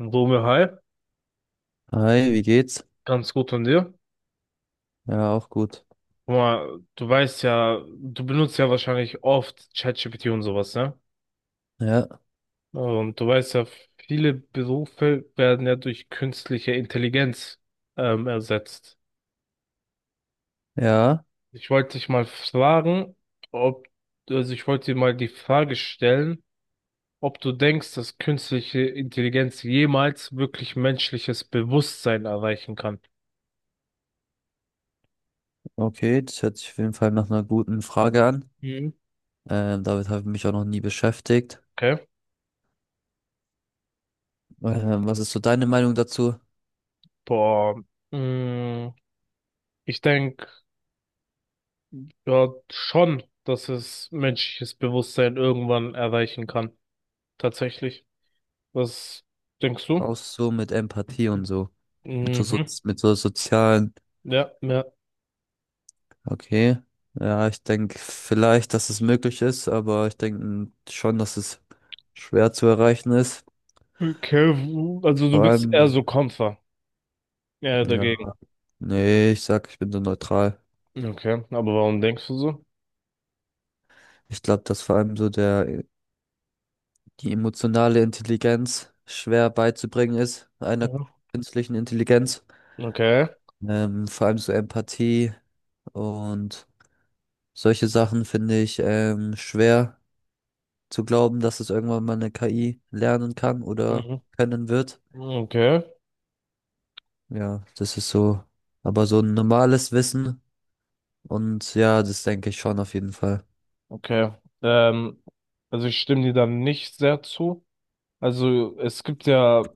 Rome, hi. Hi, wie geht's? Ganz gut von dir. Ja, auch gut. Guck mal, du weißt ja, du benutzt ja wahrscheinlich oft ChatGPT und sowas, ne? Ja, Und du weißt ja, viele Berufe werden ja durch künstliche Intelligenz ersetzt. ja, Ich wollte dich mal fragen, ob, also ich wollte dir mal die Frage stellen, ob du denkst, dass künstliche Intelligenz jemals wirklich menschliches Bewusstsein erreichen kann. okay, das hört sich auf jeden Fall nach einer guten Frage an. Mhm. Damit habe ich mich auch noch nie beschäftigt. Okay. Was ist so deine Meinung dazu? Boah. Mm, Ich denke, ja, schon, dass es menschliches Bewusstsein irgendwann erreichen kann. Tatsächlich. Was denkst du? Auch so mit Empathie und so. Mit so, Mhm. Mit so sozialen. Ja, ja. Okay. Ja, ich denke vielleicht, dass es möglich ist, aber ich denke schon, dass es schwer zu erreichen ist. Okay, also du Vor bist eher allem, so Kämpfer. Ja, ja, dagegen. nee, ich sag, ich bin so neutral. Okay, aber warum denkst du so? Ich glaube, dass vor allem so der die emotionale Intelligenz schwer beizubringen ist, einer Mhm. künstlichen Intelligenz. Okay. Vor allem so Empathie und solche Sachen finde ich schwer zu glauben, dass es irgendwann mal eine KI lernen kann oder Mhm. können wird. Okay. Ja, das ist so, aber so ein normales Wissen und ja, das denke ich schon auf jeden Fall. Okay. Ähm, also ich stimme dir da nicht sehr zu. Also es gibt ja,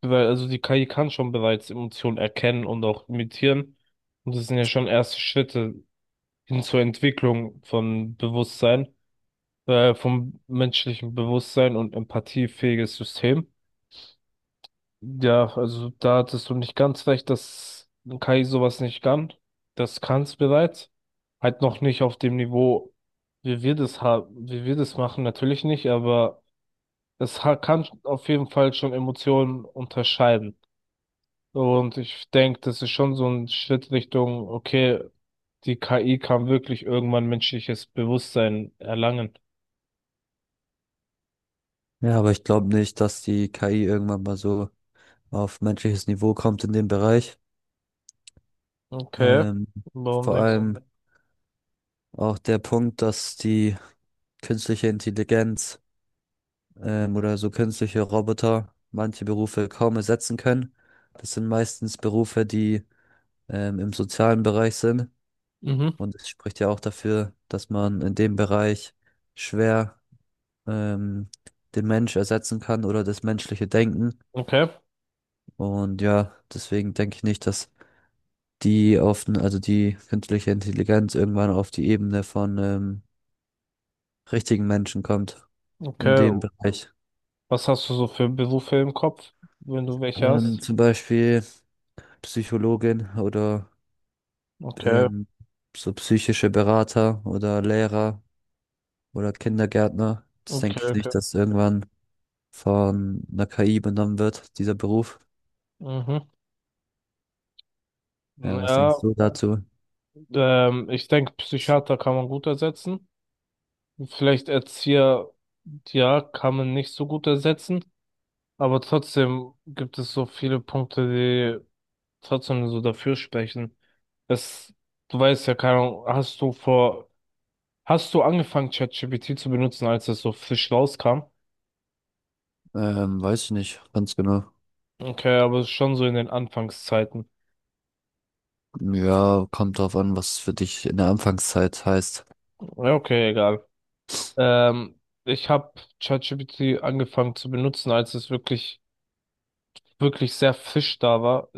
also die KI kann schon bereits Emotionen erkennen und auch imitieren. Und das sind ja schon erste Schritte hin zur Entwicklung von Bewusstsein, vom menschlichen Bewusstsein und empathiefähiges System. Ja, also da hattest du nicht ganz recht, dass KI sowas nicht kann. Das kann es bereits. Halt noch nicht auf dem Niveau, wie wir das haben, wie wir das machen, natürlich nicht, aber es kann auf jeden Fall schon Emotionen unterscheiden. Und ich denke, das ist schon so ein Schritt Richtung, okay, die KI kann wirklich irgendwann menschliches Bewusstsein erlangen. Ja, aber ich glaube nicht, dass die KI irgendwann mal so auf menschliches Niveau kommt in dem Bereich. Okay, Ähm, warum vor denkst, allem Auch der Punkt, dass die künstliche Intelligenz oder so künstliche Roboter manche Berufe kaum ersetzen können. Das sind meistens Berufe, die im sozialen Bereich sind. mhm, du? Mhm. Und es spricht ja auch dafür, dass man in dem Bereich schwer ähm, den Mensch ersetzen kann oder das menschliche Denken. Okay, Und ja, deswegen denke ich nicht, dass also die künstliche Intelligenz irgendwann auf die Ebene von richtigen Menschen kommt in okay. dem Bereich. Was hast du so für Berufe im Kopf, wenn du welche hast? Zum Beispiel Psychologin oder Okay, ähm, so psychische Berater oder Lehrer oder Kindergärtner. Das okay, denke ich okay. nicht, dass irgendwann von einer KI übernommen wird, dieser Beruf. Mhm. Ja, was Ja, denkst du dazu? Ich denke, Psychiater kann man gut ersetzen. Vielleicht Erzieher, ja, kann man nicht so gut ersetzen. Aber trotzdem gibt es so viele Punkte, die trotzdem so dafür sprechen. Es, du weißt ja, keine Ahnung, hast du angefangen, ChatGPT zu benutzen, als es so frisch rauskam? Weiß ich nicht, ganz genau. Okay, aber schon so in den Anfangszeiten. Ja, kommt drauf an, was für dich in der Anfangszeit heißt. Ja, okay, egal. Ähm, ich habe ChatGPT angefangen zu benutzen, als es wirklich sehr frisch da war.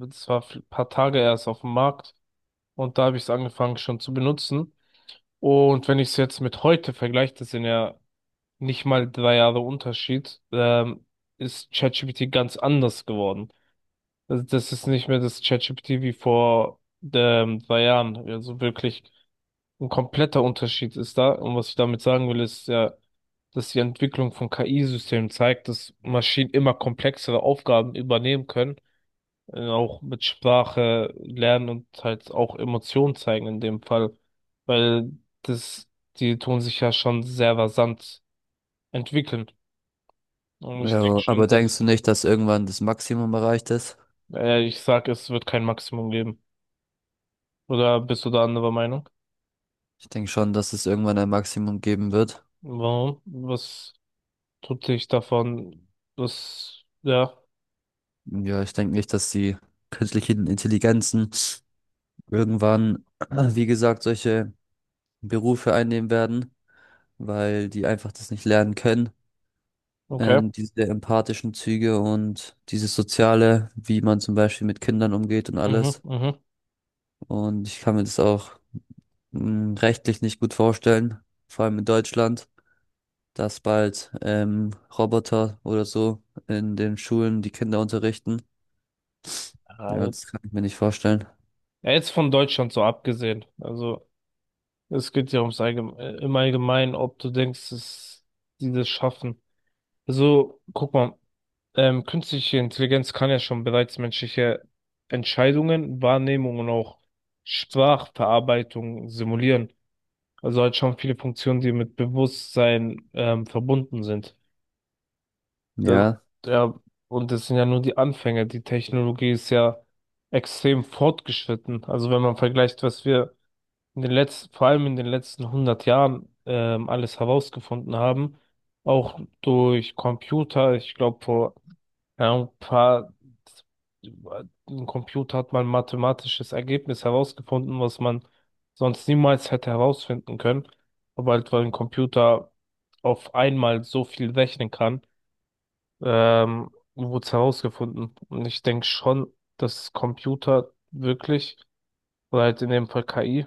Es war ein paar Tage erst auf dem Markt und da habe ich es angefangen schon zu benutzen. Und wenn ich es jetzt mit heute vergleiche, das sind ja nicht mal drei Jahre Unterschied, ist ChatGPT ganz anders geworden. Also das ist nicht mehr das ChatGPT wie vor drei Jahren. Also wirklich ein kompletter Unterschied ist da. Und was ich damit sagen will, ist ja, dass die Entwicklung von KI-Systemen zeigt, dass Maschinen immer komplexere Aufgaben übernehmen können, auch mit Sprache lernen und halt auch Emotionen zeigen in dem Fall, weil das, die tun sich ja schon sehr rasant entwickeln. Und ich denke Ja, aber schon, dass, denkst du nicht, dass irgendwann das Maximum erreicht ist? äh, ich sag, es wird kein Maximum geben. Oder bist du da anderer Meinung? Ich denke schon, dass es irgendwann ein Maximum geben wird. Warum? Was tut dich davon? Was, ja, Ja, ich denke nicht, dass die künstlichen Intelligenzen irgendwann, wie gesagt, solche Berufe einnehmen werden, weil die einfach das nicht lernen können. okay. Diese empathischen Züge und dieses Soziale, wie man zum Beispiel mit Kindern umgeht und Mhm, alles. mhm. Und ich kann mir das auch rechtlich nicht gut vorstellen, vor allem in Deutschland, dass bald Roboter oder so in den Schulen die Kinder unterrichten. Ja, Ja, jetzt das kann ich mir nicht vorstellen. ja, jetzt von Deutschland so abgesehen. Also, es geht ja ums Allgeme im Allgemeinen, ob du denkst, dass die das schaffen. Also, guck mal, künstliche Intelligenz kann ja schon bereits menschliche Entscheidungen, Wahrnehmung und auch Sprachverarbeitung simulieren. Also halt schon viele Funktionen, die mit Bewusstsein verbunden sind. Da, Ja, ja, und das sind ja nur die Anfänge. Die Technologie ist ja extrem fortgeschritten. Also wenn man vergleicht, was wir in den letzten, vor allem in den letzten 100 Jahren alles herausgefunden haben, auch durch Computer, ich glaube vor ja, ein Computer hat mal ein mathematisches Ergebnis herausgefunden, was man sonst niemals hätte herausfinden können. Aber halt, weil ein Computer auf einmal so viel rechnen kann, ähm, wurde es herausgefunden. Und ich denke schon, dass Computer wirklich, oder halt in dem Fall KI,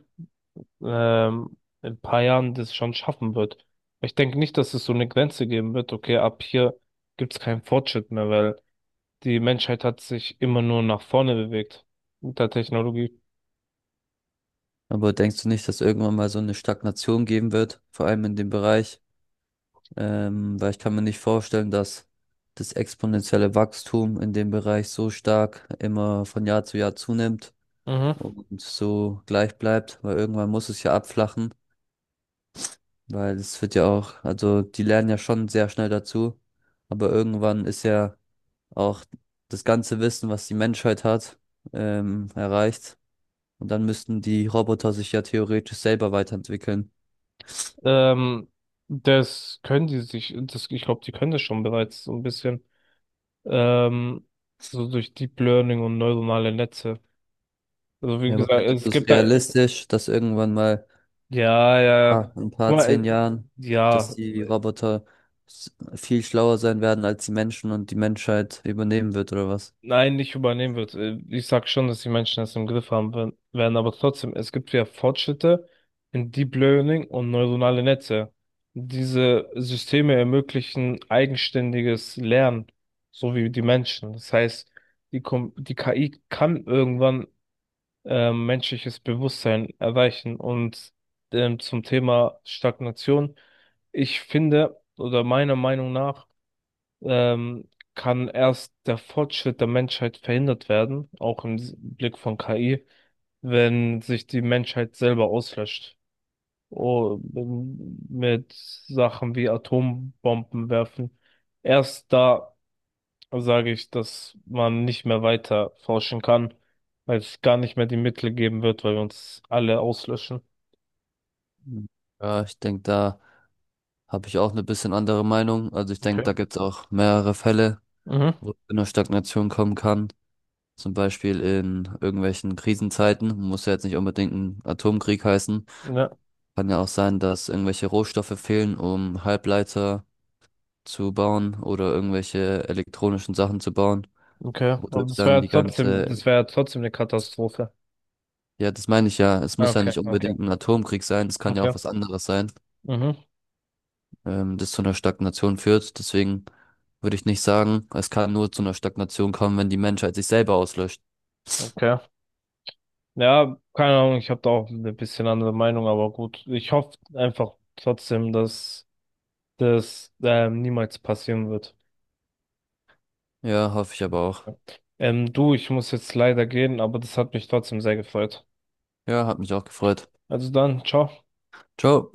in ein paar Jahren das schon schaffen wird. Ich denke nicht, dass es so eine Grenze geben wird, okay, ab hier gibt es keinen Fortschritt mehr, weil die Menschheit hat sich immer nur nach vorne bewegt mit der Technologie. aber denkst du nicht, dass irgendwann mal so eine Stagnation geben wird, vor allem in dem Bereich? Weil ich kann mir nicht vorstellen, dass das exponentielle Wachstum in dem Bereich so stark immer von Jahr zu Jahr zunimmt Mhm. und so gleich bleibt, weil irgendwann muss es ja abflachen, weil es wird ja auch, also die lernen ja schon sehr schnell dazu, aber irgendwann ist ja auch das ganze Wissen, was die Menschheit hat, erreicht und dann müssten die Roboter sich ja theoretisch selber weiterentwickeln. Ähm, das können die sich, das, ich glaube, die können das schon bereits so ein bisschen. Ähm, so durch Deep Learning und neuronale Netze. Also wie Ja, aber gesagt, findest es du es gibt da, realistisch, dass irgendwann mal ja, ja, ja. In ein paar Guck mal, zehn Jahren, dass ja, die viel schlauer sein werden als die Menschen und die Menschheit übernehmen wird oder was? nein, nicht übernehmen wird. Ich sag schon, dass die Menschen das im Griff werden, aber trotzdem, es gibt ja Fortschritte in Deep Learning und neuronale Netze. Diese Systeme ermöglichen eigenständiges Lernen, so wie die Menschen. Das heißt, die KI kann irgendwann menschliches Bewusstsein erreichen. Und zum Thema Stagnation, ich finde, oder meiner Meinung nach, ähm, kann erst der Fortschritt der Menschheit verhindert werden, auch im Blick von KI, wenn sich die Menschheit selber auslöscht. Oh, mit Sachen wie Atombomben werfen. Erst da sage ich, dass man nicht mehr weiter forschen kann, weil es gar nicht mehr die Mittel geben wird, weil wir uns alle auslöschen. Hm. Ja, ich denke, da habe ich auch eine bisschen andere Meinung. Also ich denke, Okay. da gibt es auch mehrere Fälle, Mhm. wo es zu einer Stagnation kommen kann. Zum Beispiel in irgendwelchen Krisenzeiten. Muss ja jetzt nicht unbedingt ein Atomkrieg heißen. Ja, Kann ja auch sein, dass irgendwelche Rohstoffe fehlen, um Halbleiter zu bauen oder irgendwelche elektronischen Sachen zu bauen, okay. Aber wodurch das wäre dann ja die trotzdem, ganze das wäre ja trotzdem eine Katastrophe. Ja, das meine ich ja. Es muss ja Okay, nicht okay, unbedingt ein Atomkrieg sein. Es kann ja okay. auch was anderes sein, Mhm. Das zu einer Stagnation führt. Deswegen würde ich nicht sagen, es kann nur zu einer Stagnation kommen, wenn die Menschheit sich selber auslöscht. Okay. Ja, keine Ahnung, ich habe da auch eine bisschen andere Meinung, aber gut. Ich hoffe einfach trotzdem, dass das niemals passieren wird. Ja, hoffe ich aber auch. Du, ich muss jetzt leider gehen, aber das hat mich trotzdem sehr gefreut. Ja, hat mich auch gefreut. Also dann, ciao. Ciao.